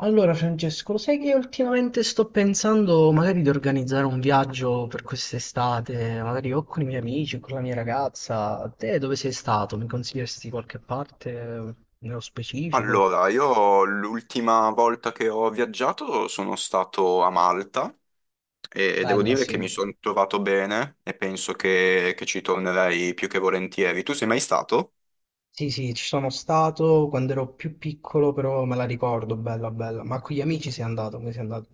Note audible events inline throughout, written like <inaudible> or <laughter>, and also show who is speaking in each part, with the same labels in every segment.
Speaker 1: Allora, Francesco, lo sai che ultimamente sto pensando magari di organizzare un viaggio per quest'estate, magari o con i miei amici o con la mia ragazza. Te dove sei stato? Mi consiglieresti qualche parte nello specifico?
Speaker 2: Allora, io l'ultima volta che ho viaggiato sono stato a Malta e devo
Speaker 1: Bella,
Speaker 2: dire che
Speaker 1: sì.
Speaker 2: mi sono trovato bene e penso che ci tornerei più che volentieri. Tu sei mai stato?
Speaker 1: Sì, sì, ci sono stato quando ero più piccolo, però me la ricordo, bella, bella. Ma con gli amici sei andato, come sei andato?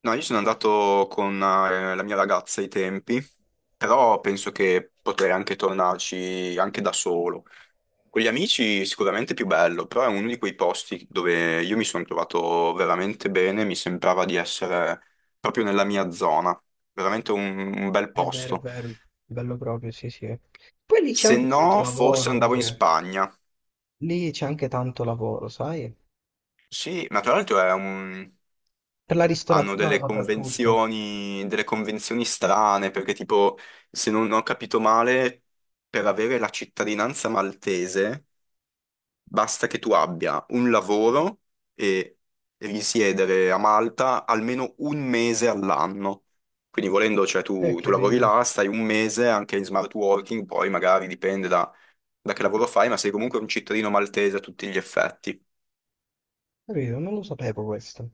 Speaker 2: No, io sono andato con la mia ragazza ai tempi, però penso che potrei anche tornarci anche da solo. Con gli amici sicuramente più bello, però è uno di quei posti dove io mi sono trovato veramente bene, mi sembrava di essere proprio nella mia zona, veramente un bel
Speaker 1: È
Speaker 2: posto.
Speaker 1: vero, bello proprio, sì, sì. Poi lì c'è
Speaker 2: Se
Speaker 1: anche tanto
Speaker 2: no, forse
Speaker 1: lavoro
Speaker 2: andavo in
Speaker 1: pure.
Speaker 2: Spagna.
Speaker 1: Lì c'è anche tanto lavoro, sai?
Speaker 2: Sì, ma tra l'altro è
Speaker 1: Per la
Speaker 2: hanno
Speaker 1: ristorazione
Speaker 2: delle
Speaker 1: soprattutto.
Speaker 2: convenzioni, strane, perché tipo, se non ho capito male, per avere la cittadinanza maltese basta che tu abbia un lavoro e risiedere a Malta almeno un mese all'anno. Quindi volendo, cioè tu,
Speaker 1: Che
Speaker 2: tu lavori
Speaker 1: ridere.
Speaker 2: là, stai un mese anche in smart working, poi magari dipende da che lavoro fai, ma sei comunque un cittadino maltese a tutti gli effetti.
Speaker 1: Capito? Non lo sapevo questo.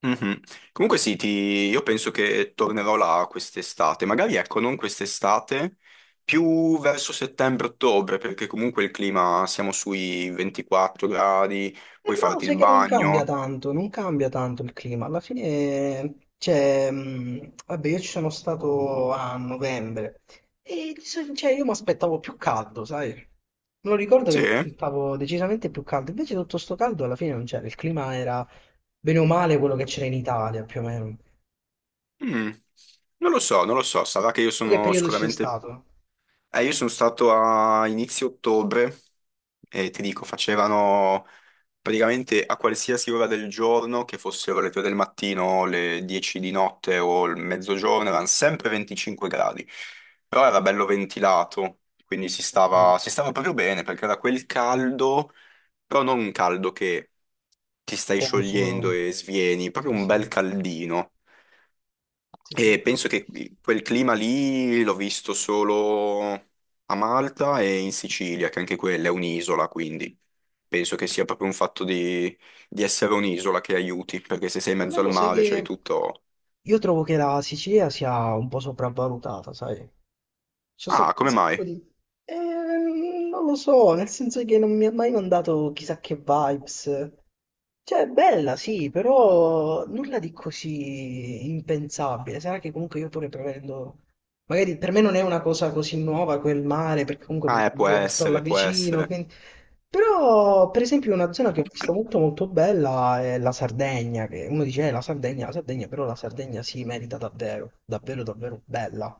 Speaker 2: Mhm. Comunque sì, io penso che tornerò là quest'estate, magari ecco, non quest'estate, più verso settembre-ottobre, perché comunque il clima siamo sui 24 gradi,
Speaker 1: E
Speaker 2: puoi
Speaker 1: però
Speaker 2: farti il
Speaker 1: sai che non cambia
Speaker 2: bagno.
Speaker 1: tanto, non cambia tanto il clima. Alla fine, cioè, vabbè, io ci sono stato a novembre e cioè, io mi aspettavo più caldo, sai? Me lo ricordo che
Speaker 2: Sì?
Speaker 1: mi aspettavo decisamente più caldo, invece tutto sto caldo alla fine non c'era, il clima era bene o male quello che c'era in Italia, più o meno.
Speaker 2: Mm. Non lo so, non lo so, sarà che io
Speaker 1: Tu che
Speaker 2: sono
Speaker 1: periodo ci sei
Speaker 2: sicuramente.
Speaker 1: stato?
Speaker 2: Io sono stato a inizio ottobre e ti dico, facevano praticamente a qualsiasi ora del giorno, che fossero le 3 del mattino, le 10 di notte o il mezzogiorno, erano sempre 25 gradi, però era bello ventilato, quindi si
Speaker 1: Eh sì.
Speaker 2: stava, si stava proprio bene perché era quel caldo, però non un caldo che ti stai
Speaker 1: Poco
Speaker 2: sciogliendo
Speaker 1: solo.
Speaker 2: e svieni, proprio
Speaker 1: Sì,
Speaker 2: un bel
Speaker 1: sì.
Speaker 2: caldino.
Speaker 1: Sì, sì.
Speaker 2: E penso che quel clima lì l'ho visto solo a Malta e in Sicilia, che anche quella è un'isola, quindi penso che sia proprio un fatto di essere un'isola che aiuti, perché se sei in mezzo
Speaker 1: Almeno
Speaker 2: al
Speaker 1: lo sai
Speaker 2: mare c'hai
Speaker 1: che
Speaker 2: tutto.
Speaker 1: io trovo che la Sicilia sia un po' sopravvalutata, sai? Ci sono
Speaker 2: Ah,
Speaker 1: un
Speaker 2: come mai?
Speaker 1: sacco di... non lo so, nel senso che non mi ha mai mandato chissà che vibes. Cioè, è bella, sì, però nulla di così impensabile. Sarà che comunque io pure prevendo... Magari per me non è una cosa così nuova quel mare, perché
Speaker 2: Ah,
Speaker 1: comunque
Speaker 2: può
Speaker 1: io sto là
Speaker 2: essere, può
Speaker 1: vicino,
Speaker 2: essere.
Speaker 1: quindi... Però, per esempio, una zona che ho visto molto molto bella è la Sardegna, che uno dice, la Sardegna, però la Sardegna si merita davvero, davvero, davvero bella.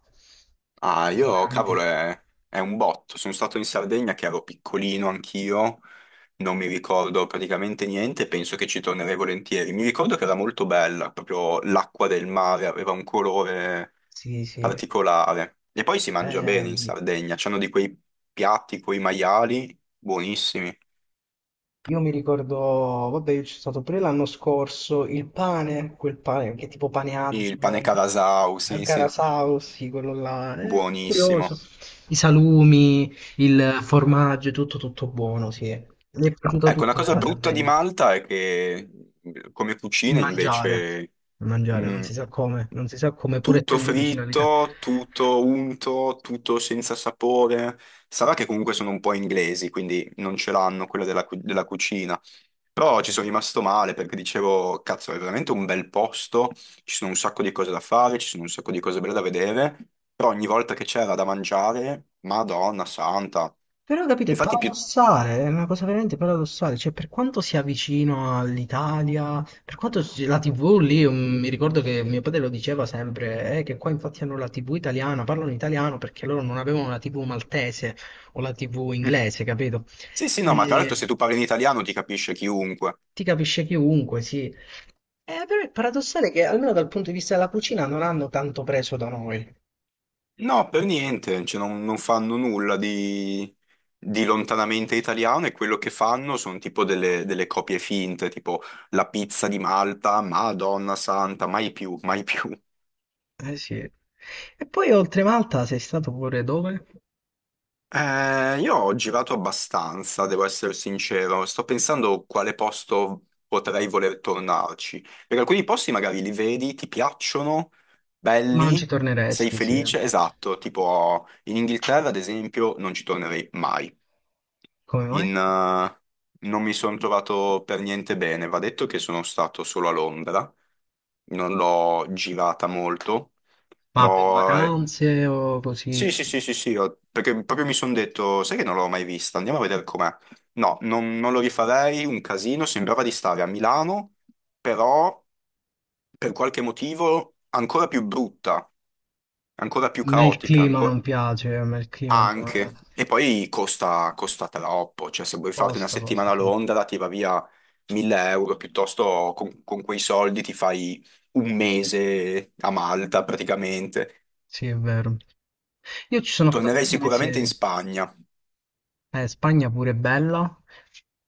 Speaker 2: Ah,
Speaker 1: Cosa
Speaker 2: io, cavolo,
Speaker 1: veramente...
Speaker 2: è un botto. Sono stato in Sardegna che ero piccolino anch'io, non mi ricordo praticamente niente, penso che ci tornerei volentieri. Mi ricordo che era molto bella, proprio l'acqua del mare aveva un colore
Speaker 1: Sì, sì.
Speaker 2: particolare. E poi si mangia bene
Speaker 1: Ehm,
Speaker 2: in Sardegna, c'hanno di quei piatti con i maiali buonissimi.
Speaker 1: Io mi ricordo, vabbè, io c'è stato pure l'anno scorso, il pane, quel pane, che è tipo pane
Speaker 2: Il pane
Speaker 1: Asmo,
Speaker 2: carasau, sì, sì,
Speaker 1: Carasau, sì, quello là, è curioso.
Speaker 2: buonissimo.
Speaker 1: I salumi, il formaggio, tutto, tutto buono, sì. Mi è piaciuto
Speaker 2: Ecco, una
Speaker 1: tutto
Speaker 2: cosa
Speaker 1: nella
Speaker 2: brutta di
Speaker 1: Sardegna.
Speaker 2: Malta è che come
Speaker 1: Il
Speaker 2: cucina
Speaker 1: mangiare,
Speaker 2: invece.
Speaker 1: il mangiare, non
Speaker 2: Mm.
Speaker 1: si sa come, non si sa come, pure
Speaker 2: Tutto
Speaker 1: essendo vicino all'Italia.
Speaker 2: fritto, tutto unto, tutto senza sapore. Sarà che comunque sono un po' inglesi, quindi non ce l'hanno quella della cucina. Però ci sono rimasto male perché dicevo, cazzo, è veramente un bel posto, ci sono un sacco di cose da fare, ci sono un sacco di cose belle da vedere, però ogni volta che c'era da mangiare, Madonna santa.
Speaker 1: Però capite, è
Speaker 2: Infatti più.
Speaker 1: paradossale, è una cosa veramente paradossale, cioè per quanto sia vicino all'Italia, per quanto la TV lì, mi ricordo che mio padre lo diceva sempre, che qua infatti hanno la TV italiana, parlano italiano perché loro non avevano la TV maltese o la TV
Speaker 2: Mm.
Speaker 1: inglese, capito?
Speaker 2: Sì, sì, no, ma tra l'altro
Speaker 1: E
Speaker 2: se tu parli in italiano ti capisce chiunque.
Speaker 1: ti capisce chiunque, sì. Però è paradossale che almeno dal punto di vista della cucina non hanno tanto preso da noi.
Speaker 2: No, per niente, cioè, non fanno nulla di lontanamente italiano e quello che fanno sono tipo delle copie finte, tipo la pizza di Malta, Madonna santa, mai più, mai più.
Speaker 1: Eh sì. E poi oltre Malta sei stato pure dove?
Speaker 2: Io ho girato abbastanza, devo essere sincero, sto pensando quale posto potrei voler tornarci, perché alcuni posti magari li vedi, ti piacciono,
Speaker 1: Ma non ci
Speaker 2: belli, sei
Speaker 1: torneresti, sì.
Speaker 2: felice, esatto, tipo in Inghilterra ad esempio non ci tornerei mai.
Speaker 1: Come
Speaker 2: in,
Speaker 1: mai?
Speaker 2: eh, non mi sono trovato per niente bene. Va detto che sono stato solo a Londra, non l'ho girata molto,
Speaker 1: Ma per
Speaker 2: però
Speaker 1: vacanze o così?
Speaker 2: sì,
Speaker 1: A
Speaker 2: sì, sì, sì, sì, perché proprio mi sono detto, sai che non l'ho mai vista, andiamo a vedere com'è. No, non lo rifarei, un casino, sembrava di stare a Milano, però per qualche motivo ancora più brutta, ancora più
Speaker 1: me il
Speaker 2: caotica,
Speaker 1: clima
Speaker 2: ancora.
Speaker 1: non piace, a me il clima di...
Speaker 2: Anche. E poi costa, costa troppo, cioè se vuoi farti una
Speaker 1: Costa,
Speaker 2: settimana a
Speaker 1: costa, sì.
Speaker 2: Londra ti va via 1000 euro, piuttosto con quei soldi ti fai un mese a Malta praticamente.
Speaker 1: Sì, è vero. Io ci sono stato
Speaker 2: Tornerei
Speaker 1: un
Speaker 2: sicuramente in
Speaker 1: mese.
Speaker 2: Spagna.
Speaker 1: Spagna pure è bella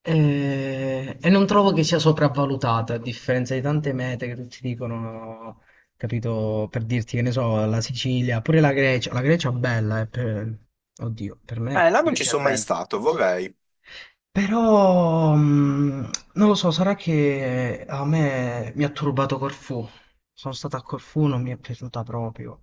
Speaker 1: e non trovo che sia sopravvalutata, a differenza di tante mete che tutti dicono, capito, per dirti che ne so, la Sicilia, pure la Grecia è bella, oddio, per me la
Speaker 2: Là non ci
Speaker 1: Grecia è
Speaker 2: sono mai
Speaker 1: bella.
Speaker 2: stato, vorrei.
Speaker 1: Però non lo so, sarà che a me mi ha turbato Corfù. Sono stato a Corfù, non mi è piaciuta proprio.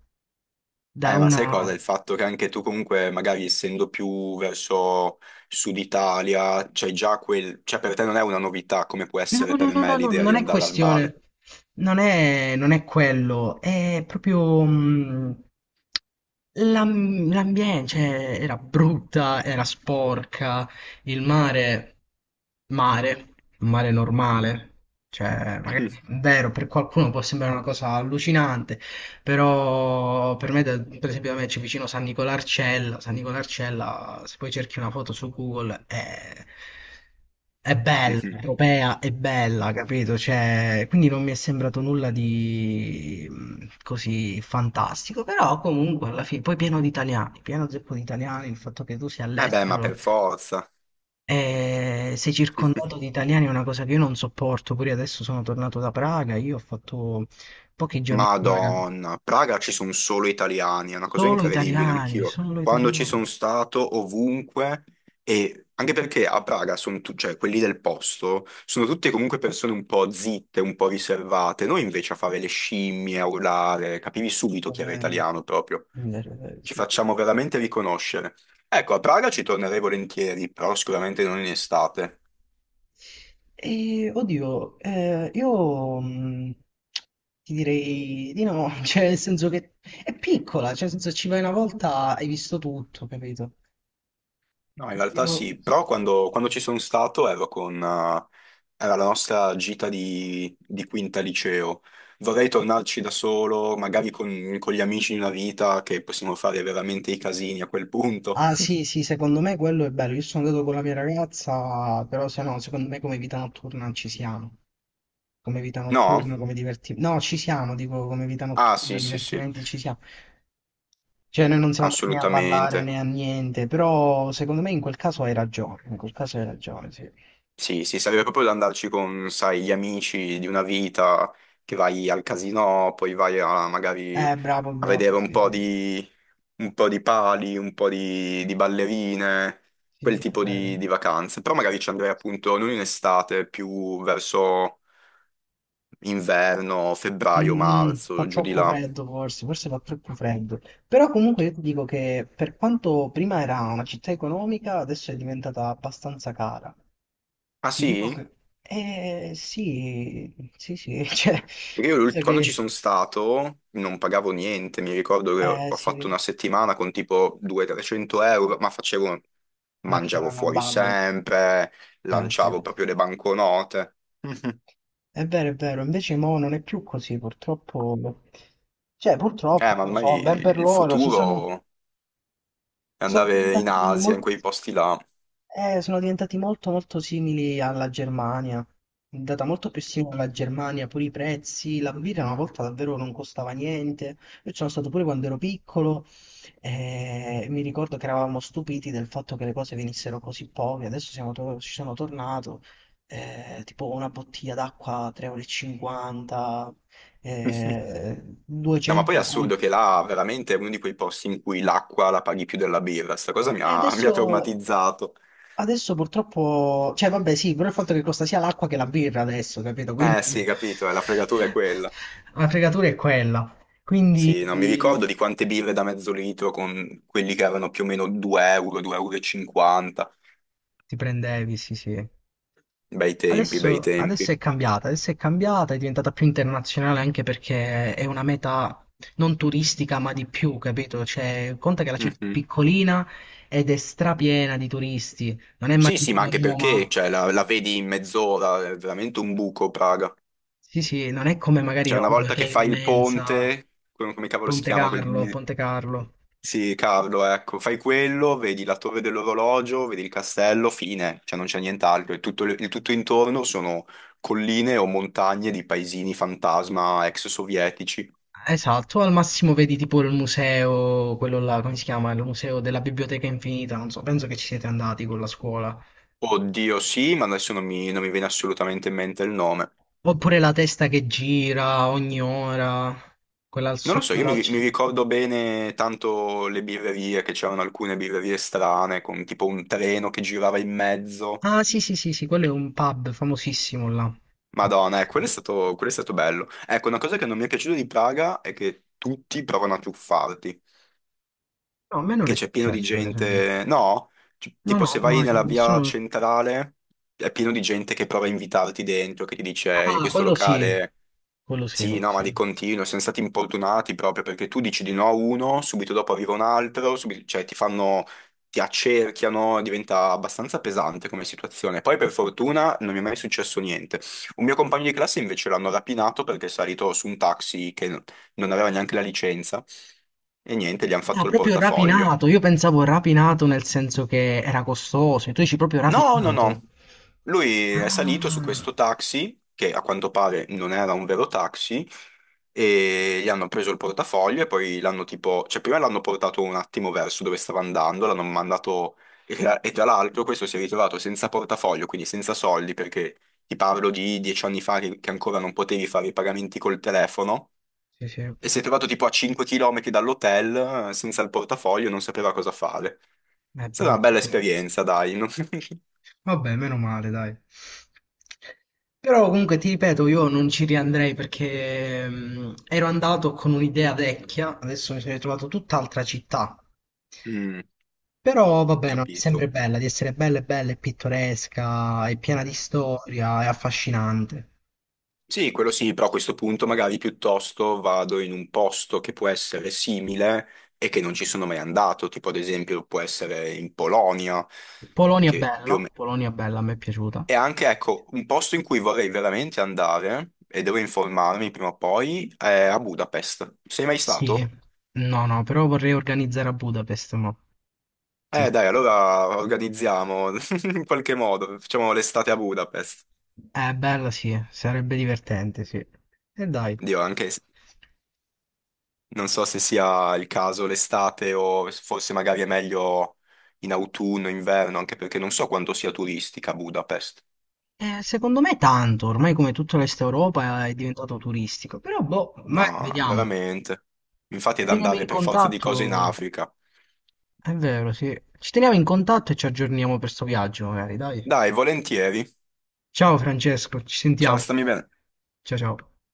Speaker 1: Da
Speaker 2: Ma sai
Speaker 1: una...
Speaker 2: cosa? Il fatto che anche tu comunque, magari essendo più verso Sud Italia, c'hai già quel. Cioè per te non è una novità come può
Speaker 1: No,
Speaker 2: essere
Speaker 1: no,
Speaker 2: per
Speaker 1: no, no,
Speaker 2: me
Speaker 1: no,
Speaker 2: l'idea di
Speaker 1: non è
Speaker 2: andare al mare.
Speaker 1: questione, non è quello, è proprio l'ambiente, cioè, era brutta, era sporca, il mare, mare, un mare normale, cioè, magari, è
Speaker 2: <laughs>
Speaker 1: vero, per qualcuno può sembrare una cosa allucinante, però per me, per esempio, da me c'è vicino San Nicolarcella. San Nicolarcella, se poi cerchi una foto su Google, è bella, è europea, è bella, capito? Cioè, quindi non mi è sembrato nulla di così fantastico, però comunque alla fine, poi pieno di italiani, pieno zeppo di italiani, il fatto che tu sia
Speaker 2: Eh beh, ma
Speaker 1: all'estero
Speaker 2: per forza.
Speaker 1: e sei
Speaker 2: <laughs>
Speaker 1: circondato di italiani è una cosa che io non sopporto, pure adesso sono tornato da Praga, io ho fatto pochi giorni a Praga.
Speaker 2: Madonna, a Praga ci sono solo italiani, è una cosa
Speaker 1: Solo
Speaker 2: incredibile,
Speaker 1: italiani,
Speaker 2: anch'io.
Speaker 1: solo
Speaker 2: Quando ci
Speaker 1: italiani.
Speaker 2: sono stato, ovunque, e anche perché a Praga sono cioè quelli del posto, sono tutte comunque persone un po' zitte, un po' riservate. Noi invece a fare le scimmie, a urlare, capivi subito
Speaker 1: È
Speaker 2: chi era
Speaker 1: vero,
Speaker 2: italiano proprio.
Speaker 1: è vero, è vero,
Speaker 2: Ci
Speaker 1: sì.
Speaker 2: facciamo
Speaker 1: Sì.
Speaker 2: veramente riconoscere. Ecco, a Praga ci tornerei volentieri, però sicuramente non in estate.
Speaker 1: Oddio, io ti direi di no, <laughs> cioè nel senso che è piccola, cioè nel senso ci vai una volta, hai visto tutto, capito?
Speaker 2: No, in realtà
Speaker 1: Io...
Speaker 2: sì, però quando ci sono stato ero con. Era la nostra gita di quinta liceo. Vorrei tornarci da solo, magari con gli amici di una vita, che possiamo fare veramente i casini a quel punto.
Speaker 1: Ah sì,
Speaker 2: <laughs>
Speaker 1: sì, secondo me quello è bello, io sono andato con la mia ragazza, però se no, secondo me come vita notturna ci siamo, come vita
Speaker 2: No?
Speaker 1: notturna, come divertimenti, no, ci siamo, dico come vita
Speaker 2: Ah,
Speaker 1: notturna,
Speaker 2: sì, sì, sì,
Speaker 1: divertimenti ci siamo. Cioè, noi non siamo andati né a ballare
Speaker 2: assolutamente.
Speaker 1: né a niente, però secondo me in quel caso hai ragione, in quel caso hai ragione, sì.
Speaker 2: Sì, sì, sarebbe proprio da andarci con, sai, gli amici di una vita, che vai al casino, poi vai a, magari
Speaker 1: Bravo,
Speaker 2: a
Speaker 1: bravo,
Speaker 2: vedere un
Speaker 1: sì,
Speaker 2: po'
Speaker 1: sì,
Speaker 2: di, un po' di pali, un po' di ballerine,
Speaker 1: sì,
Speaker 2: quel
Speaker 1: sì, è
Speaker 2: tipo di,
Speaker 1: vero.
Speaker 2: di vacanze. Però magari ci andrei appunto non in estate, più verso inverno, febbraio,
Speaker 1: Mm, mm, fa
Speaker 2: marzo, giù di
Speaker 1: troppo
Speaker 2: là.
Speaker 1: freddo forse, forse fa troppo freddo. Però comunque io ti dico che per quanto prima era una città economica, adesso è diventata abbastanza cara.
Speaker 2: Ah
Speaker 1: Ti dico
Speaker 2: sì?
Speaker 1: che... Eh sì, sì, sì, <laughs> cioè,
Speaker 2: Perché io
Speaker 1: penso
Speaker 2: quando ci
Speaker 1: che...
Speaker 2: sono stato non pagavo niente, mi ricordo che
Speaker 1: Eh
Speaker 2: ho
Speaker 1: sì,
Speaker 2: fatto una settimana con tipo 200-300 euro, ma facevo,
Speaker 1: una vita
Speaker 2: mangiavo
Speaker 1: alla
Speaker 2: fuori
Speaker 1: babbo.
Speaker 2: sempre,
Speaker 1: Eh sì.
Speaker 2: lanciavo proprio le banconote. <laughs> Mhm.
Speaker 1: È vero, invece mo non è più così, purtroppo. Cioè, purtroppo,
Speaker 2: Ma
Speaker 1: non lo
Speaker 2: ormai
Speaker 1: so, ben per
Speaker 2: il
Speaker 1: loro,
Speaker 2: futuro è
Speaker 1: sono
Speaker 2: andare in
Speaker 1: diventati
Speaker 2: Asia, in
Speaker 1: molto
Speaker 2: quei posti là.
Speaker 1: sono diventati molto molto simili alla Germania, è andata molto più simile alla Germania, pure i prezzi, la birra una volta davvero non costava niente, io ci sono stato pure quando ero piccolo e mi ricordo che eravamo stupiti del fatto che le cose venissero così poche, adesso ci sono tornato, tipo una bottiglia d'acqua 3,50 euro, e
Speaker 2: <laughs>
Speaker 1: cinquanta,
Speaker 2: No, ma poi è
Speaker 1: 230...
Speaker 2: assurdo che là veramente è uno di quei posti in cui l'acqua la paghi più della birra. Sta cosa mi
Speaker 1: E
Speaker 2: ha, <laughs> mi ha
Speaker 1: adesso
Speaker 2: traumatizzato.
Speaker 1: Adesso purtroppo, cioè vabbè sì, però il fatto che costa sia l'acqua che la birra adesso, capito? Quindi
Speaker 2: Eh sì, capito, la fregatura è quella.
Speaker 1: <laughs> la fregatura è quella.
Speaker 2: Sì, non mi
Speaker 1: Quindi
Speaker 2: ricordo di quante birre da mezzo litro con quelli che erano più o meno 2 euro, 2,50 euro. E cinquanta.
Speaker 1: ti prendevi, sì sì.
Speaker 2: Bei tempi, bei
Speaker 1: Adesso,
Speaker 2: tempi.
Speaker 1: adesso è cambiata, adesso è cambiata, è diventata più internazionale anche perché è una meta non turistica ma di più, capito? Cioè, conta che la città è
Speaker 2: Mhm.
Speaker 1: piccolina ed è strapiena di turisti, non è mai
Speaker 2: Sì, sì, ma
Speaker 1: come
Speaker 2: anche perché
Speaker 1: Roma.
Speaker 2: cioè, la vedi in mezz'ora, è veramente un buco Praga.
Speaker 1: Sì, sì, non è come magari
Speaker 2: Cioè, una
Speaker 1: Roma
Speaker 2: volta
Speaker 1: che
Speaker 2: che
Speaker 1: è
Speaker 2: fai il
Speaker 1: immensa.
Speaker 2: ponte, come cavolo si
Speaker 1: Ponte
Speaker 2: chiama quel.
Speaker 1: Carlo, Ponte Carlo.
Speaker 2: Sì, Carlo, ecco, fai quello, vedi la torre dell'orologio, vedi il castello, fine, cioè non c'è nient'altro. Il tutto intorno sono colline o montagne di paesini fantasma ex sovietici.
Speaker 1: Esatto, al massimo vedi tipo il museo, quello là, come si chiama? Il museo della Biblioteca Infinita, non so, penso che ci siete andati con la scuola.
Speaker 2: Oddio, sì, ma adesso non mi viene assolutamente in mente il nome.
Speaker 1: Oppure la testa che gira ogni ora, quella al
Speaker 2: Non lo
Speaker 1: sud,
Speaker 2: so, io
Speaker 1: quella al
Speaker 2: mi
Speaker 1: centro.
Speaker 2: ricordo bene tanto le birrerie, che c'erano alcune birrerie strane, con tipo un treno che girava in mezzo.
Speaker 1: Ah, sì, sì, sì, sì, quello è un pub famosissimo là.
Speaker 2: Madonna,
Speaker 1: Famosissimo.
Speaker 2: quello è stato bello. Ecco, una cosa che non mi è piaciuta di Praga è che tutti provano a truffarti.
Speaker 1: No, a me non
Speaker 2: Che
Speaker 1: è
Speaker 2: c'è pieno di
Speaker 1: successo, per esempio.
Speaker 2: gente. No,
Speaker 1: No,
Speaker 2: tipo
Speaker 1: no,
Speaker 2: se vai
Speaker 1: mai.
Speaker 2: nella via
Speaker 1: Sono...
Speaker 2: centrale è pieno di gente che prova a invitarti dentro, che ti dice in
Speaker 1: Ah,
Speaker 2: questo
Speaker 1: quello sì,
Speaker 2: locale".
Speaker 1: quello sì,
Speaker 2: Sì,
Speaker 1: quello
Speaker 2: no, ma di
Speaker 1: sì.
Speaker 2: continuo, siamo stati importunati proprio perché tu dici di no a uno, subito dopo arriva un altro, cioè ti fanno, ti accerchiano, diventa abbastanza pesante come situazione. Poi per fortuna non mi è mai successo niente. Un mio compagno di classe invece l'hanno rapinato perché è salito su un taxi che non aveva neanche la licenza. E niente, gli hanno
Speaker 1: Ah,
Speaker 2: fatto il
Speaker 1: proprio
Speaker 2: portafoglio.
Speaker 1: rapinato. Io pensavo rapinato nel senso che era costoso. Tu dici proprio
Speaker 2: No, no,
Speaker 1: rapinato.
Speaker 2: no. Lui è salito su
Speaker 1: Ah,
Speaker 2: questo taxi, che a quanto pare non era un vero taxi, e gli hanno preso il portafoglio e poi l'hanno tipo, cioè prima l'hanno portato un attimo verso dove stava andando, l'hanno mandato, e tra l'altro questo si è ritrovato senza portafoglio, quindi senza soldi, perché ti parlo di 10 anni fa che ancora non potevi fare i pagamenti col telefono,
Speaker 1: sì, sì. È
Speaker 2: e si è trovato tipo a 5 km dall'hotel senza il portafoglio, non sapeva cosa fare. È stata una
Speaker 1: brutto,
Speaker 2: bella
Speaker 1: sì.
Speaker 2: esperienza, dai. No? <laughs>
Speaker 1: Vabbè, meno male, dai. Però comunque ti ripeto, io non ci riandrei perché ero andato con un'idea vecchia, adesso mi sono ritrovato tutt'altra città.
Speaker 2: Mm,
Speaker 1: Però va bene, è
Speaker 2: capito.
Speaker 1: sempre bella, di essere bella e bella e pittoresca, e piena di storia, è affascinante.
Speaker 2: Sì, quello sì, però a questo punto magari piuttosto vado in un posto che può essere simile e che non ci sono mai andato, tipo ad esempio può essere in Polonia, che più o meno.
Speaker 1: Polonia bella, a me è piaciuta.
Speaker 2: E anche, ecco, un posto in cui vorrei veramente andare, e devo informarmi prima o poi, è a Budapest. Sei mai
Speaker 1: Sì,
Speaker 2: stato?
Speaker 1: no, no, però vorrei organizzare a Budapest, ma... Sì, sì.
Speaker 2: Dai, allora organizziamo <laughs> in qualche modo, facciamo l'estate a Budapest.
Speaker 1: È bella, sì, sarebbe divertente, sì. E dai.
Speaker 2: Dio, anche. Non so se sia il caso l'estate o se forse magari è meglio in autunno, inverno, anche perché non so quanto sia turistica Budapest.
Speaker 1: Secondo me tanto, ormai come tutta l'Est Europa è diventato turistico, però boh, ma
Speaker 2: No,
Speaker 1: vediamo.
Speaker 2: veramente. Infatti è
Speaker 1: Ci
Speaker 2: da
Speaker 1: teniamo
Speaker 2: andare
Speaker 1: in
Speaker 2: per forza di cose in
Speaker 1: contatto,
Speaker 2: Africa.
Speaker 1: è vero, sì. Ci teniamo in contatto e ci aggiorniamo per sto viaggio, magari, dai.
Speaker 2: Dai, volentieri.
Speaker 1: Ciao Francesco, ci
Speaker 2: Ciao,
Speaker 1: sentiamo.
Speaker 2: stammi bene.
Speaker 1: Ciao ciao.